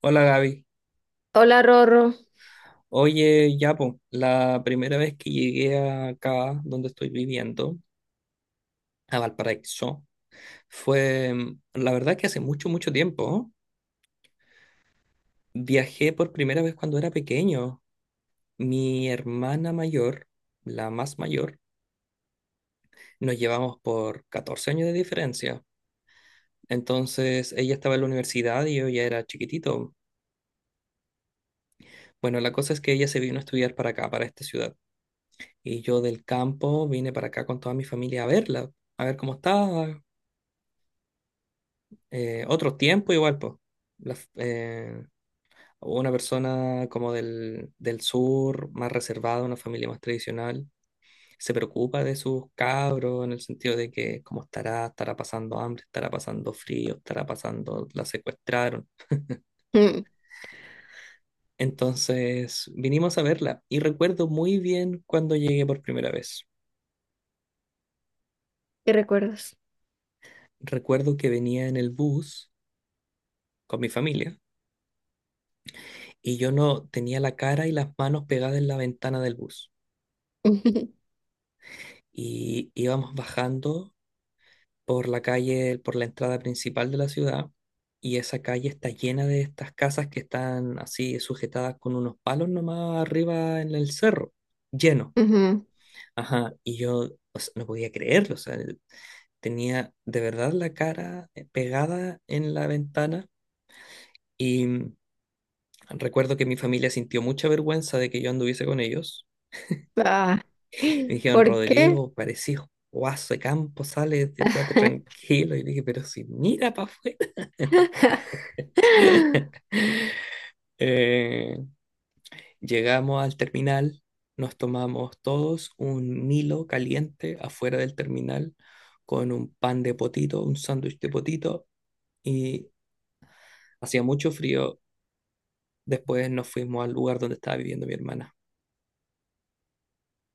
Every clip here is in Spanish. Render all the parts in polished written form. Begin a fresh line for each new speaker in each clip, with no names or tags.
Hola Gaby.
Hola, Rorro.
Oye, ya po, la primera vez que llegué acá donde estoy viviendo, a Valparaíso, fue, la verdad que hace mucho, mucho tiempo, ¿eh? Viajé por primera vez cuando era pequeño. Mi hermana mayor, la más mayor, nos llevamos por 14 años de diferencia. Entonces, ella estaba en la universidad y yo ya era chiquitito. Bueno, la cosa es que ella se vino a estudiar para acá, para esta ciudad. Y yo del campo vine para acá con toda mi familia a verla, a ver cómo estaba, otros tiempos igual, pues. Las- eh, una persona como del sur, más reservada, una familia más tradicional, se preocupa de sus cabros en el sentido de que cómo estará, estará pasando hambre, estará pasando frío, estará pasando, la secuestraron.
Mm,
Entonces vinimos a verla y recuerdo muy bien cuando llegué por primera vez.
¿Qué recuerdas?
Recuerdo que venía en el bus con mi familia y yo no tenía la cara y las manos pegadas en la ventana del bus.
Ujú.
Y íbamos bajando por la calle, por la entrada principal de la ciudad, y esa calle está llena de estas casas que están así sujetadas con unos palos nomás arriba en el cerro, lleno. Ajá, y yo, o sea, no podía creerlo, o sea, tenía de verdad la cara pegada en la ventana y recuerdo que mi familia sintió mucha vergüenza de que yo anduviese con ellos.
Ah,
Y me dijeron,
¿por qué?
Rodrigo, parecís guaso de campo, sale, quédate tranquilo. Y dije, pero si mira para afuera. Eh, Llegamos al terminal, nos tomamos todos un Milo caliente afuera del terminal con un pan de potito, un sándwich de potito, y hacía mucho frío. Después nos fuimos al lugar donde estaba viviendo mi hermana.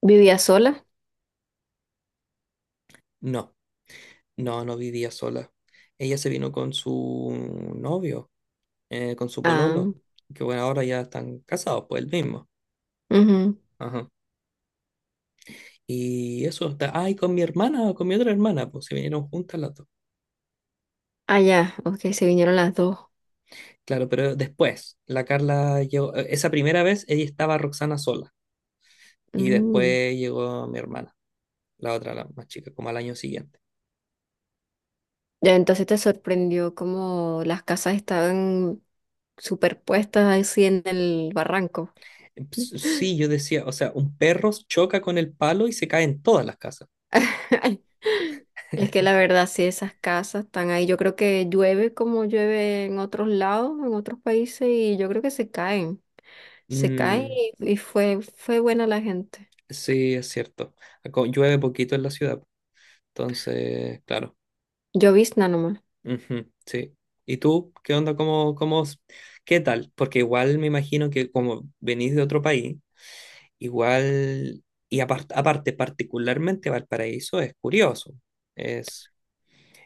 ¿Vivía sola?
No, no, no vivía sola. Ella se vino con su novio, con su
Ah,
pololo, que bueno, ahora ya están casados, pues el mismo.
ujú.
Ajá. Y eso está, ay, con mi hermana, con mi otra hermana, pues se vinieron juntas las dos.
Ah, ya, ok, se vinieron las dos.
Claro, pero después, la Carla llegó, esa primera vez ella estaba Roxana sola y
Mm.
después llegó mi hermana, la otra, la más chica, como al año siguiente.
Ya, entonces te sorprendió como las casas estaban superpuestas así en el barranco.
Sí, yo decía, o sea, un perro choca con el palo y se cae en todas las casas.
Es que la verdad, sí, esas casas están ahí. Yo creo que llueve como llueve en otros lados, en otros países, y yo creo que se caen. Se cae
Mm,
y fue, fue buena la gente.
sí, es cierto. Llueve poquito en la ciudad, entonces, claro.
Llovizna nomás.
Ujú, sí. ¿Y tú qué onda? ¿Qué tal? Porque igual me imagino que como venís de otro país, igual, y aparte, particularmente Valparaíso es curioso, es,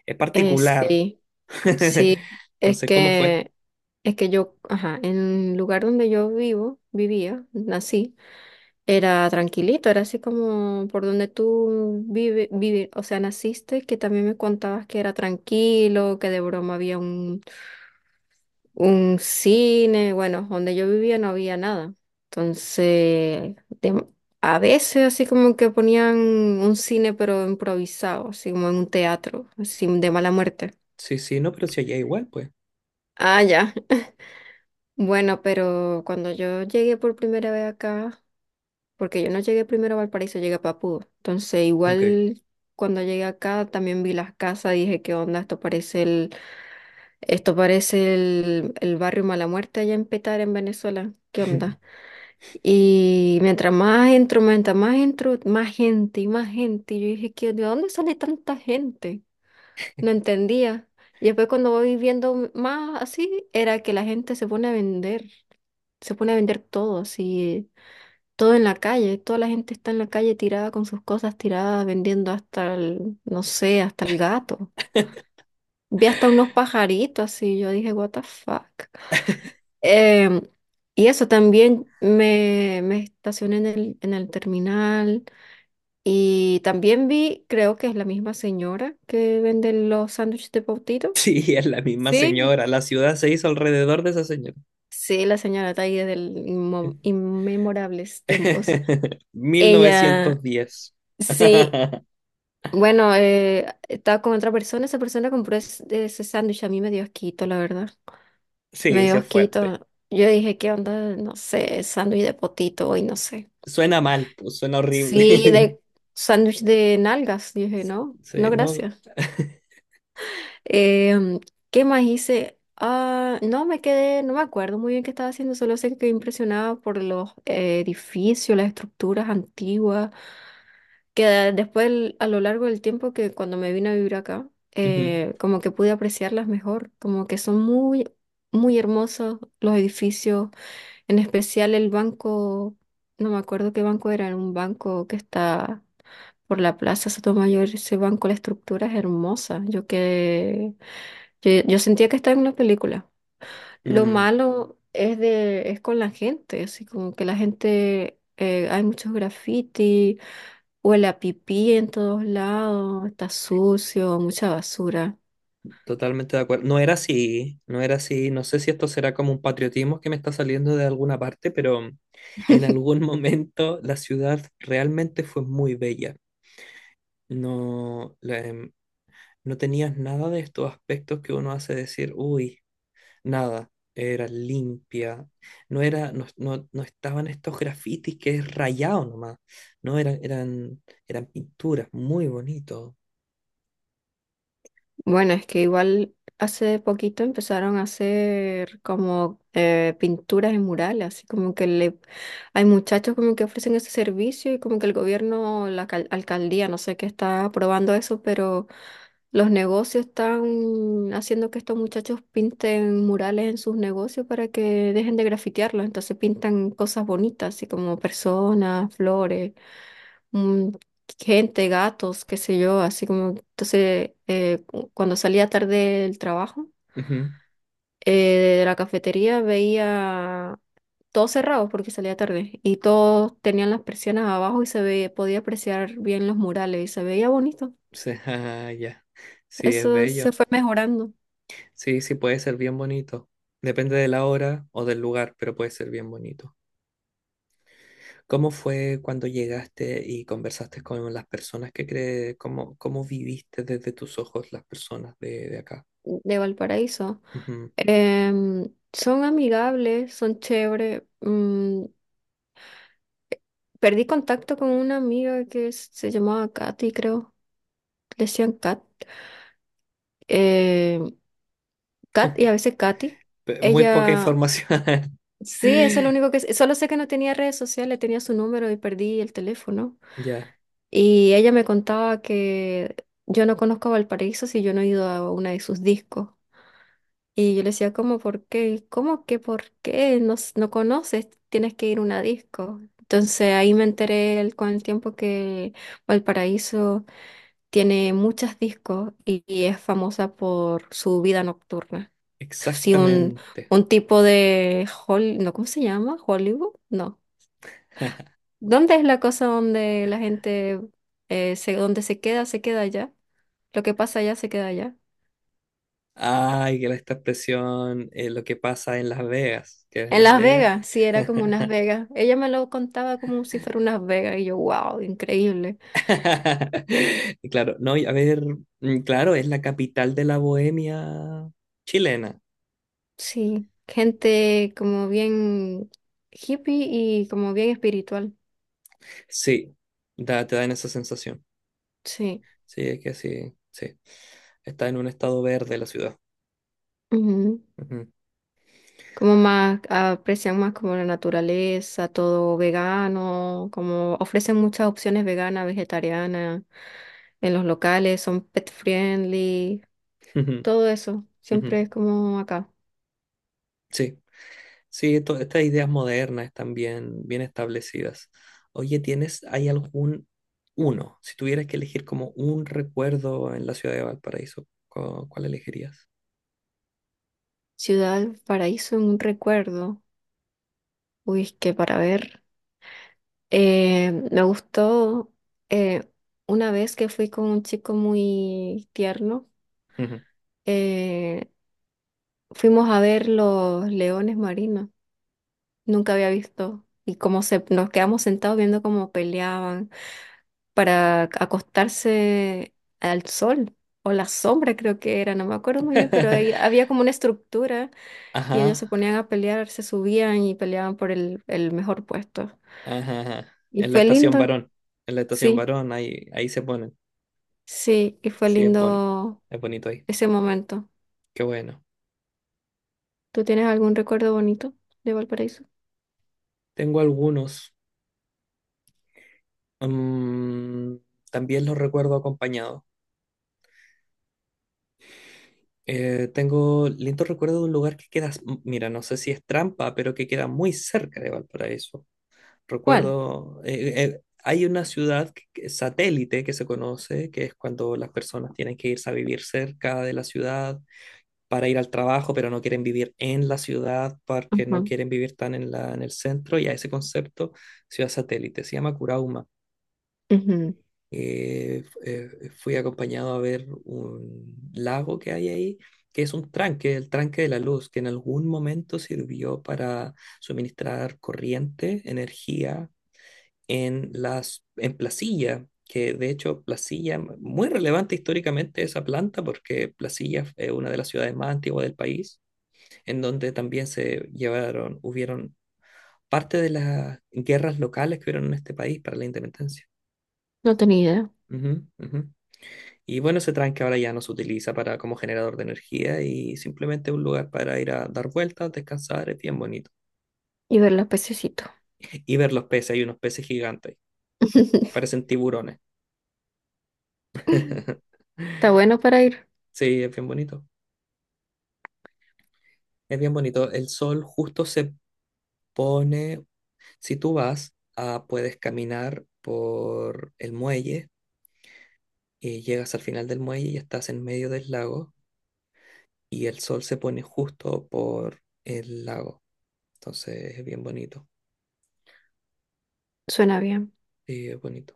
es
Eh,
particular.
sí, sí. Es
Entonces, ¿cómo fue?
que, es que yo, ajá, en el lugar donde yo vivo, vivía, nací, era tranquilito, era así como por donde tú vive, vive, o sea, naciste, que también me contabas que era tranquilo, que de broma había un cine. Bueno, donde yo vivía no había nada. Entonces, a veces así como que ponían un cine pero improvisado, así como en un teatro, así de mala muerte.
Sí, sí, no, pero si allá igual, pues.
Ah, ya. Bueno, pero cuando yo llegué por primera vez acá, porque yo no llegué primero a Valparaíso, llegué a Papudo. Entonces,
Ok.
igual cuando llegué acá también vi las casas, dije, ¿qué onda? Esto parece el barrio Mala Muerte allá en Petar, en Venezuela. ¿Qué onda? Y mientras más entro, más gente. Y yo dije, ¿de dónde sale tanta gente? No entendía. Y después cuando voy viendo más así, era que la gente se pone a vender, se pone a vender todo, así, todo en la calle. Toda la gente está en la calle tirada con sus cosas tiradas, vendiendo hasta el, no sé, hasta el gato. Vi hasta unos pajaritos así, yo dije, what the fuck. Em, y eso también me estacioné en el terminal. Y también vi, creo que es la misma señora que vende los sándwiches de pautito.
Sí, es la misma
Sí,
señora, la ciudad se hizo alrededor de esa señora.
sí, la señora Taide del inmemorables tiempos. Ella,
1910.
sí, bueno, estaba con otra persona, esa persona compró ese sándwich, a mí me dio asquito, la verdad. Me
Sí,
dio
sí es fuerte.
asquito. Yo dije, ¿qué onda? No sé, sándwich de potito hoy, no sé.
Suena mal, pues suena horrible.
Sí, de sándwich de nalgas, dije, no,
Sí,
no,
no.
gracias. Em, ¿Qué más hice? Ah, no me quedé, no me acuerdo muy bien qué estaba haciendo, solo sé que quedé impresionada por los edificios, las estructuras antiguas, que a lo largo del tiempo que cuando me vine a vivir acá,
Ujú.
como que pude apreciarlas mejor, como que son muy, muy hermosos los edificios, en especial el banco, no me acuerdo qué banco era, era un banco que está por la Plaza Sotomayor, ese banco, la estructura es hermosa, yo, yo sentía que estaba en una película. Lo
Mm,
malo es es con la gente, así como que la gente, hay muchos graffiti, huele a pipí en todos lados, está sucio, mucha basura.
totalmente de acuerdo. No era así, no era así. No sé si esto será como un patriotismo que me está saliendo de alguna parte, pero en algún momento la ciudad realmente fue muy bella. No, la- em, no tenías nada de estos aspectos que uno hace decir, uy. Nada, era limpia. No era, no, no, no estaban estos grafitis que es rayado nomás. No eran, eran pinturas, muy bonito.
Bueno, es que igual hace poquito empezaron a hacer como pinturas en murales, así como que hay muchachos como que ofrecen ese servicio y como que el gobierno, la alcaldía, no sé qué está aprobando eso, pero los negocios están haciendo que estos muchachos pinten murales en sus negocios para que dejen de grafitearlos. Entonces pintan cosas bonitas, así como personas, flores, mm, gente, gatos, qué sé yo, así como... Entonces, cuando salía tarde del trabajo,
Ujú.
de la cafetería veía todo cerrado porque salía tarde y todos tenían las persianas abajo y se veía, podía apreciar bien los murales y se veía bonito.
Sí, ah, ya. Sí, es
Eso se
bello.
fue mejorando.
Sí, sí, puede ser bien bonito. Depende de la hora o del lugar, pero puede ser bien bonito. ¿Cómo fue cuando llegaste y conversaste con las personas que crees? ¿Cómo, cómo viviste desde tus ojos las personas de acá?
De Valparaíso.
Ujú.
Em, Son amigables, son chévere. Perdí contacto con una amiga que se llamaba Katy, creo. Le decían Kat. eh, Kat y a veces Katy.
Muy poca
Ella,
información.
sí, eso es lo único que sé. Solo sé que no tenía redes sociales, tenía su número y perdí el teléfono.
Ya.
Y ella me contaba que yo no conozco a Valparaíso si yo no he ido a una de sus discos. Y yo le decía, ¿cómo por qué? ¿Cómo que por qué? No, no conoces, tienes que ir a una disco. Entonces ahí me enteré con el tiempo que Valparaíso tiene muchas discos y es famosa por su vida nocturna. Sí, un,
Exactamente.
un tipo de Hol- no, ¿cómo se llama? Hollywood, no. ¿Dónde es la cosa donde la gente donde se queda allá? Lo que pasa allá se queda allá.
Ay, esta expresión, lo que pasa en Las Vegas, que es
En
Las
Las
Vegas.
Vegas, sí, era como unas Vegas. Ella me lo contaba como si fuera unas Vegas y yo, wow, increíble.
Y claro, no, y a ver, mm, claro, es la capital de la bohemia chilena.
Sí, gente como bien hippie y como bien espiritual.
Sí, te dan esa sensación.
Sí,
Sí, es que sí, sí. Está en un estado verde la ciudad.
ujú.
Ujú,
Como más, aprecian más como la naturaleza, todo vegano, como ofrecen muchas opciones veganas, vegetarianas en los locales, son pet friendly,
ujú,
todo eso.
ujú.
Siempre es como acá.
Sí. Sí, estas ideas modernas están bien, bien establecidas. Oye, ¿tienes, hay algún uno? Si tuvieras que elegir como un recuerdo en la ciudad de Valparaíso, ¿cuál elegirías?
Ciudad, paraíso, en un recuerdo. Uy, es que para ver, me gustó eh, una vez que fui con un chico muy tierno,
Ujú.
eh, fuimos a ver los leones marinos, nunca había visto, y nos quedamos sentados viendo cómo peleaban para acostarse al sol o la sombra creo que era, no me acuerdo muy bien, pero ahí había como una estructura y ellos se
Ajá,
ponían a pelear, se subían y peleaban por el mejor puesto.
ajá, ajá.
Y
En la
fue
estación
lindo,
Barón. En la estación
sí.
Barón, ahí, ahí se ponen.
Sí, y fue
Sí,
lindo
es bonito ahí.
ese momento.
Qué bueno.
¿Tú tienes algún recuerdo bonito de Valparaíso?
Tengo algunos. Mm, también los recuerdo acompañados. Tengo lindo recuerdo de un lugar que queda, mira, no sé si es trampa, pero que queda muy cerca de Valparaíso.
¿Cuál?
Recuerdo, hay una ciudad satélite que se conoce, que es cuando las personas tienen que irse a vivir cerca de la ciudad para ir al trabajo, pero no quieren vivir en la ciudad porque no
Ajá,
quieren vivir tan en la, en el centro, y a ese concepto, ciudad satélite, se llama Curauma.
ujú,
Fui acompañado a ver un lago que hay ahí, que es un tranque, el tranque de la luz, que en algún momento sirvió para suministrar corriente, energía en las, en Placilla, que de hecho Placilla, muy relevante históricamente esa planta, porque Placilla es una de las ciudades más antiguas del país, en donde también se llevaron, hubieron parte de las guerras locales que hubieron en este país para la independencia.
no tenía idea.
Ujú, ujú. Y bueno, ese tranque ahora ya no se utiliza para como generador de energía y simplemente un lugar para ir a dar vueltas, descansar, es bien bonito.
Y ver los pececitos.
Y ver los peces, hay unos peces gigantes, parecen tiburones.
Está bueno para ir.
Sí, es bien bonito. Es bien bonito. El sol justo se pone, si tú vas, ah, puedes caminar por el muelle y llegas al final del muelle y estás en medio del lago y el sol se pone justo por el lago. Entonces es bien bonito.
Suena bien.
Sí, es bonito.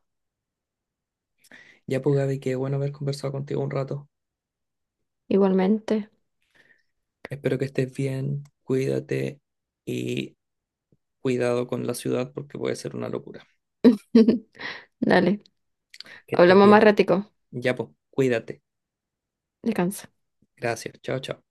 Ya pues Gaby, qué bueno haber conversado contigo un rato.
Igualmente.
Espero que estés bien, cuídate y cuidado con la ciudad porque puede ser una locura.
Dale.
Que estés
Hablamos más
bien.
ratico.
Ya pues, cuídate.
Descansa.
Gracias. Chao, chao.